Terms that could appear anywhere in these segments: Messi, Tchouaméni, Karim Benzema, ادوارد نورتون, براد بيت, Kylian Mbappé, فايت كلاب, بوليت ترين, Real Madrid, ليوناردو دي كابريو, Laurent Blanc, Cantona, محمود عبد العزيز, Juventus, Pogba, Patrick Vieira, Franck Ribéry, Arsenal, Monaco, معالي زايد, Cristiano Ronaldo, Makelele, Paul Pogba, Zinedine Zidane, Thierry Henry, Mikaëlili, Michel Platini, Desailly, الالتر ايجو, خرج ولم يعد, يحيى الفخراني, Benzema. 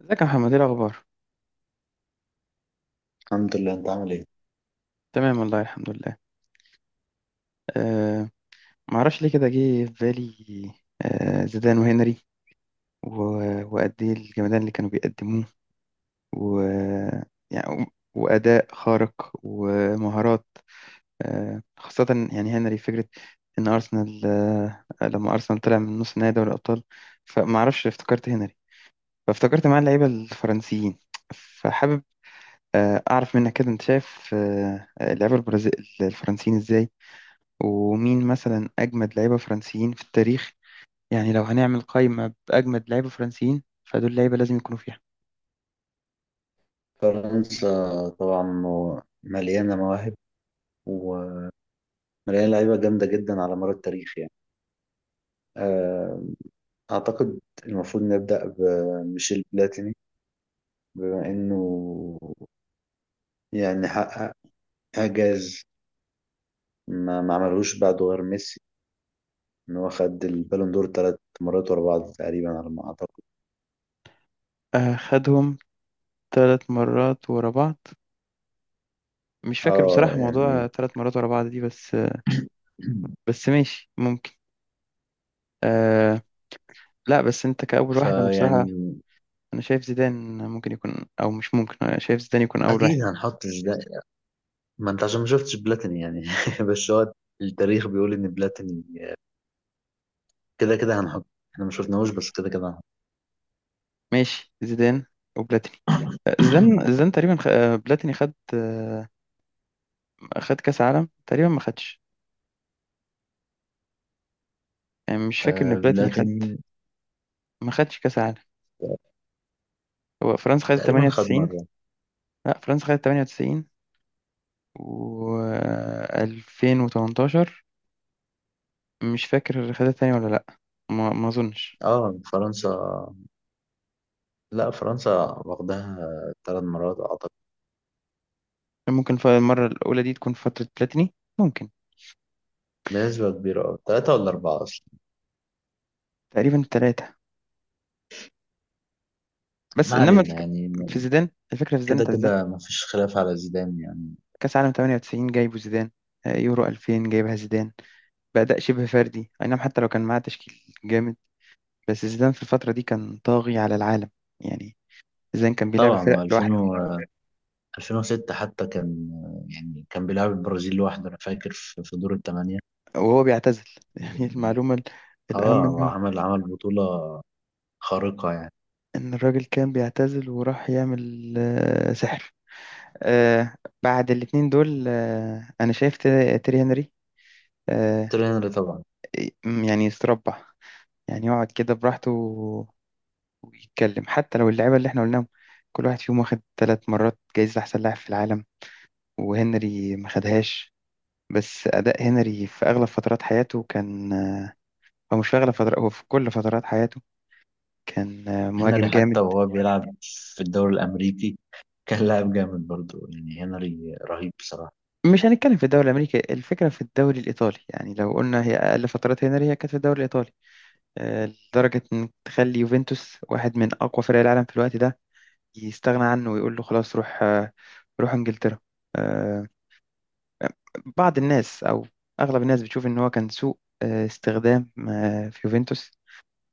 ازيك يا محمد؟ ايه الاخبار؟ الحمد لله، انت عامل ايه؟ تمام، والله الحمد لله. أه ما اعرفش ليه كده جه في بالي. زيدان وهنري. وقد ايه الجمدان اللي كانوا بيقدموه و يعني، واداء خارق ومهارات، خاصه. يعني هنري فكره ان ارسنال، لما ارسنال طلع من نص نهائي دوري الابطال، فما اعرفش افتكرت هنري، فافتكرت معاه اللعيبه الفرنسيين، فحابب اعرف منك كده، انت شايف اللعيبه الفرنسيين ازاي، ومين مثلا أجمد لعيبة فرنسيين في التاريخ. يعني لو هنعمل قائمة بأجمد لعيبة فرنسيين، فدول لعيبة لازم يكونوا فيها. فرنسا طبعا مليانه مواهب، ومليانه لعيبه جامده جدا على مر التاريخ يعني. آه، اعتقد المفروض نبدا بميشيل بلاتيني، بما انه يعني حقق اعجاز ما عملهوش بعده غير ميسي، ان هو خد البالون دور 3 مرات ورا بعض تقريبا على ما اعتقد. خدهم ثلاث مرات ورا بعض. مش فاكر اه، بصراحة موضوع يعني ثلاث مرات ورا بعض دي، بس بس ماشي ممكن. آه لا، بس أنت كأول واحد أنا بصراحة، فيعني أنا شايف زيدان ممكن يكون، أو مش ممكن، أنا شايف زيدان يكون أول واحد. اكيد هنحط. ما انت عشان ما شفتش بلاتيني يعني بس هو التاريخ بيقول ان بلاتيني كده كده هنحط، احنا ما شفناهوش بس كده كده هنحط. ماشي، زيدان وبلاتيني. زيدان زيدان تقريبا خ... آه، بلاتيني خد، خد كأس عالم تقريبا، ما خدش. يعني مش فاكر إن بلاتيني خد، بلاتيني ما خدش كأس عالم. هو فرنسا خدت تقريبا خد 98. مرة. لا، فرنسا خدت 98 و 2018 مش فاكر خدت تاني ولا لا. ما اظنش. اه فرنسا، لا فرنسا واخدها 3 مرات اعتقد، ممكن المرة الأولى دي تكون في فترة بلاتيني. ممكن. بنسبة كبيرة، اه، ثلاثة ولا أربعة أصلا. تقريبا ثلاثة. بس ما إنما علينا الفكرة يعني، في زيدان، الفكرة في زيدان، كده أنت زيدان كده ما فيش خلاف على زيدان يعني. كأس عالم 98 جايبه زيدان، يورو 2000 جايبها زيدان بأداء شبه فردي. أي نعم، حتى لو كان معاه تشكيل جامد، بس زيدان في الفترة دي كان طاغي على العالم. يعني زيدان كان بيلعب طبعا هو الفرق 2000 لوحده و 2006 حتى كان، يعني كان بيلعب البرازيل لوحده. أنا فاكر في دور الثمانية. وهو بيعتزل. يعني المعلومة اه، الأهم هو إنه، عمل بطولة خارقة يعني. إن الراجل كان بيعتزل، وراح يعمل سحر. آه، بعد الاتنين دول، أنا شايف تيري، هنري. آه، تيري هنري طبعا. يعني يستربع، يعني يقعد كده براحته ويتكلم. حتى لو اللعيبة اللي إحنا قلناهم كل واحد فيهم واخد ثلاث مرات جايزة أحسن لاعب في العالم، وهنري ما خدهاش، بس أداء هنري في أغلب فترات حياته كان هو مش في أغلب فترات، هو في كل فترات حياته كان هنري مهاجم جامد. حتى وهو بيلعب في الدوري الأمريكي كان لاعب جامد برضه، يعني هنري رهيب بصراحة. مش هنتكلم في الدوري الامريكي، الفكره في الدوري الايطالي. يعني لو قلنا هي اقل فترات هنري هي كانت في الدوري الايطالي، آه، لدرجه ان تخلي يوفنتوس، واحد من اقوى فرق العالم في الوقت ده، يستغنى عنه ويقول له خلاص روح، روح انجلترا. آه، بعض الناس او اغلب الناس بتشوف ان هو كان سوء استخدام في يوفنتوس.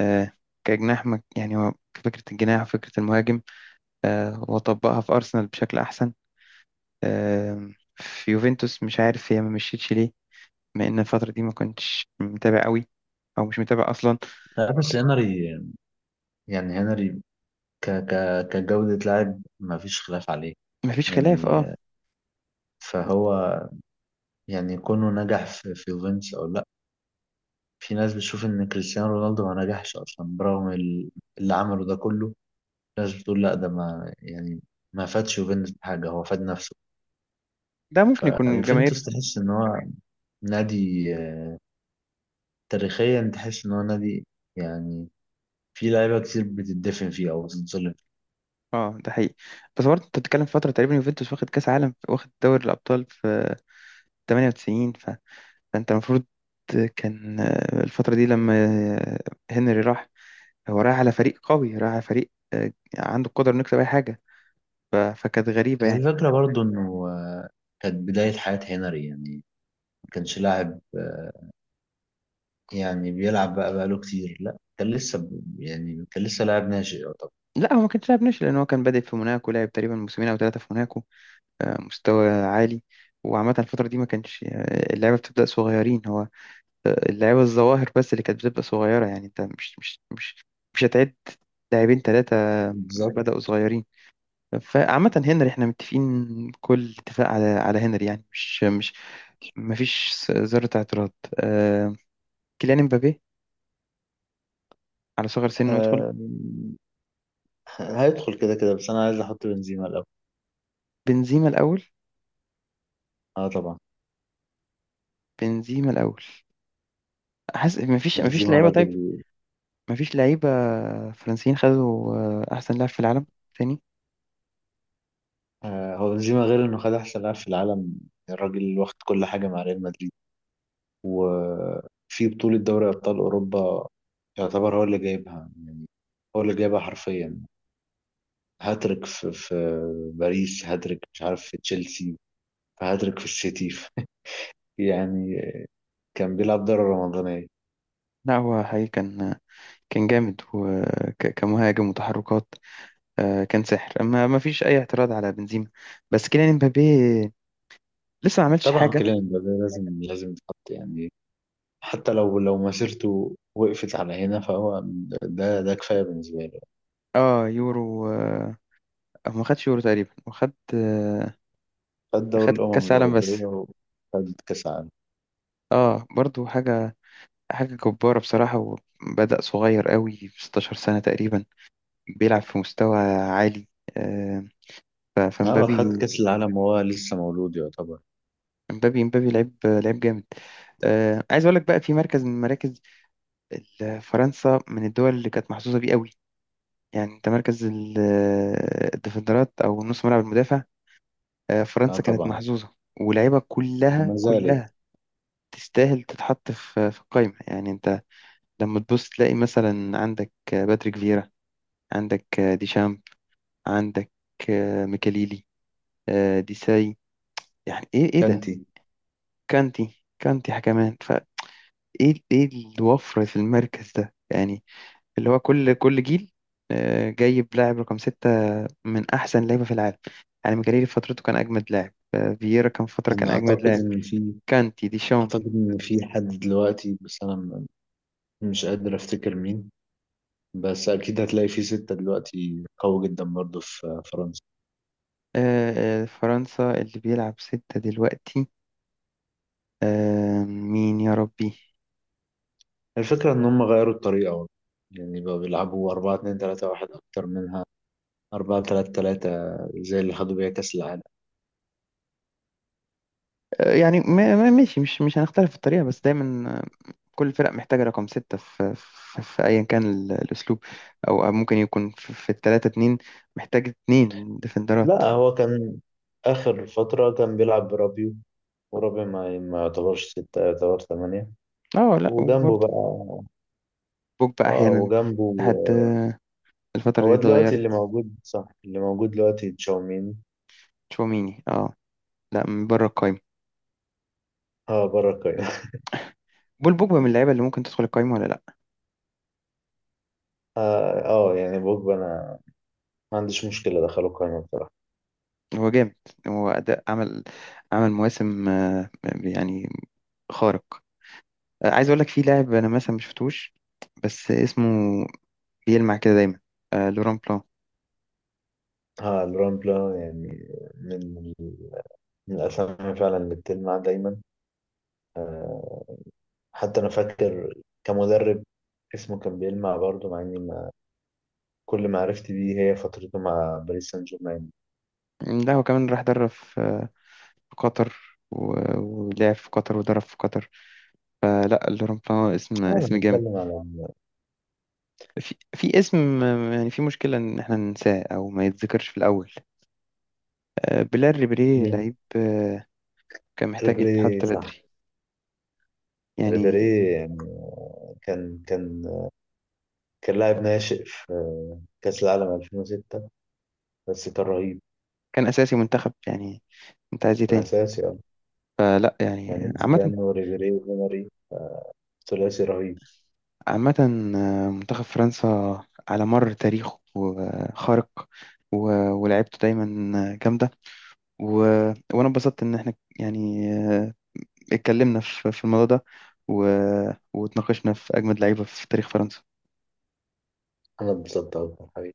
آه، كجناح، يعني هو فكره الجناح وفكره المهاجم، وطبقها في ارسنال بشكل احسن. آه، في يوفنتوس مش عارف هي ما مشيتش ليه، لان الفتره دي ما كنتش متابع قوي، او مش متابع اصلا. لا بس هنري، يعني هنري ك ك كجودة لاعب ما فيش خلاف عليه مفيش خلاف، يعني. اه. فهو يعني كونه نجح في يوفنتوس أو لأ، في ناس بتشوف إن كريستيانو رونالدو ما نجحش أصلا برغم اللي عمله ده كله. ناس بتقول لأ، ده ما يعني ما فادش يوفنتوس بحاجة، هو فاد نفسه. ده ممكن يكون فيوفنتوس جماهير. تحس ان هو نادي، تاريخيا تحس ان هو نادي، يعني في لعيبه كتير بتدفن فيه او بتتظلم فيه. اه، ده حقيقي، بس برضه انت بتتكلم في فتره تقريبا يوفنتوس واخد كاس عالم، واخد دوري الابطال في 98. فانت المفروض كان، الفتره دي لما آه، هنري راح، هو رايح على فريق قوي، رايح على فريق عنده القدره انه يكسب اي حاجه. فكانت غريبه هي يعني. الفكره برضو انه، كانت بدايه حياه هنري، يعني ما كانش لاعب، يعني بيلعب بقى بقاله كتير، لا كان لسه يعني كان لسه لاعب ناشئ يعتبر. لا، هو ما كانش لاعب ناشئ، لان هو كان بادئ في موناكو، لعب تقريبا موسمين او ثلاثه في موناكو مستوى عالي. وعامة الفترة دي ما كانش اللعبة بتبدأ صغيرين، هو اللعبة الظواهر بس اللي كانت بتبقى صغيرة. يعني انت مش هتعد لاعبين ثلاثة بالظبط. بدأوا صغيرين. فعامة هنري احنا متفقين كل اتفاق على هنري. يعني مش مفيش ذرة اعتراض. آه، كيليان امبابي، على صغر سنه، يدخل. آه، هيدخل كده كده، بس انا عايز احط بنزيما الاول. بنزيما الأول، اه طبعا، بنزيما الأول. حاسس مفيش، بنزيما لعيبة، طيب. راجل. مفيش لعيبة فرنسيين خدوا أحسن لاعب في العالم تاني. هو بنزيما غير انه خد احسن لاعب في العالم، الراجل واخد كل حاجه مع ريال مدريد. وفي بطولة دوري أبطال أوروبا يعتبر هو اللي جايبها يعني، هو اللي جايبها حرفيا. هاتريك في باريس، هاتريك مش عارف في تشيلسي، هاتريك في السيتي يعني كان بيلعب دورة رمضانية. لا، هو حقيقي كان جامد، وكمهاجم، وتحركات، كان سحر. اما ما فيش اي اعتراض على بنزيما، بس كيليان امبابي لسه ما عملش طبعا حاجه. كيليان مبابي لازم لازم يتحط يعني، حتى لو مسيرته وقفت على هنا فهو، ده كفاية بالنسبة له. اه يورو، أو ما خدش يورو تقريبا، وخد خد دوري خد الأمم كاس عالم بس. الأوروبية وخد كأس العالم. اه برضو حاجه، حاجه جباره بصراحه، وبدأ صغير قوي في 16 سنه تقريبا بيلعب في مستوى عالي. آه، اه خد فمبابي، كأس العالم وهو لسه مولود يعتبر. امبابي لعيب، جامد. عايز اقول لك بقى في مركز من مراكز، فرنسا من الدول اللي كانت محظوظة بيه قوي. يعني انت مركز الديفندرات او نص ملعب المدافع، اه فرنسا كانت طبعا، محظوظة. ولاعيبة كلها وما زالت. كلها تستاهل تتحط في القايمة. يعني انت لما تبص تلاقي مثلا عندك باتريك فيرا، عندك ديشامب، عندك ميكاليلي، ديساي. يعني ايه، ده؟ كانتي. كانتي كمان فايه. ايه، الوفرة في المركز ده؟ يعني اللي هو كل جيل جايب لاعب رقم ستة من احسن لعيبه في العالم. يعني مجريري في فترته كان اجمد لاعب، فييرا كان في فتره يعني كان اجمد لاعب، كانتي، ديشام. اعتقد ان في حد دلوقتي، بس انا مش قادر افتكر مين، بس اكيد هتلاقي في ستة دلوقتي قوي جدا برضو في فرنسا. فرنسا اللي بيلعب ستة دلوقتي، مين يا ربي؟ الفكرة ان هم غيروا الطريقة والله. يعني بقوا بيلعبوا 4-2-3-1 اكتر منها، 4-3-3 زي اللي خدوا بيها كأس العالم. يعني ماشي، مش هنختلف في الطريقة، بس دايما كل فرق محتاجة رقم ستة في، في أيا كان الأسلوب، أو ممكن يكون في, التلاتة اتنين محتاج اتنين ديفندرات. لا هو كان اخر فترة كان بيلعب برابيو، ورابيو ما يعتبرش ستة، يعتبر ثمانية، اه لا، وجنبه وبرضه بقى. بوجبا اه، أحيانا وجنبه. لحد الفترة دي هو دلوقتي اتغيرت. اللي موجود، صح، اللي موجود دلوقتي تشاومين. تشواميني، اه، لا، من بره القايمة. اه، بره القايمة. بول بوجبا من اللعيبه اللي ممكن تدخل القايمه ولا لا. اه، يعني بوجبا انا ما عنديش مشكلة ادخله القايمة بصراحة. هو جامد، هو اداء، عمل مواسم، يعني، خارق. عايز اقول لك في لاعب انا مثلا مش شفتوش، بس اسمه بيلمع كده دايما، لوران بلان. اه الرامبلا يعني، من من الاسامي فعلا اللي بتلمع دايما. آه، حتى انا فاكر كمدرب اسمه كان بيلمع برضه، مع اني ما كل ما عرفت بيه هي فترته مع باريس سان جيرمان. لا هو كمان راح درب في في قطر، ولعب في قطر ودرب في قطر. لا، لوران بلان اسم، آه، انا جامد. بتكلم على. في اسم، يعني في مشكلة إن إحنا ننساه أو ما يتذكرش في الأول، بلال ريبيري مم. لعيب كان محتاج ريبيري يتحط صح. بدري. يعني ريبيري يعني كان كان كان لاعب ناشئ في كأس العالم 2006 بس كان رهيب. كان اساسي منتخب، يعني انت عايز ايه كان تاني؟ أساسي، فلا، يعني يعني عامه، زيدان وريبيري وماري، ثلاثي رهيب. عامه منتخب فرنسا على مر تاريخه خارق، ولعبته دايما جامده، و... وانا اتبسطت ان احنا، يعني اتكلمنا في الموضوع ده، و... واتناقشنا في اجمد لعيبه في تاريخ فرنسا. أنا اتبسطت أوي.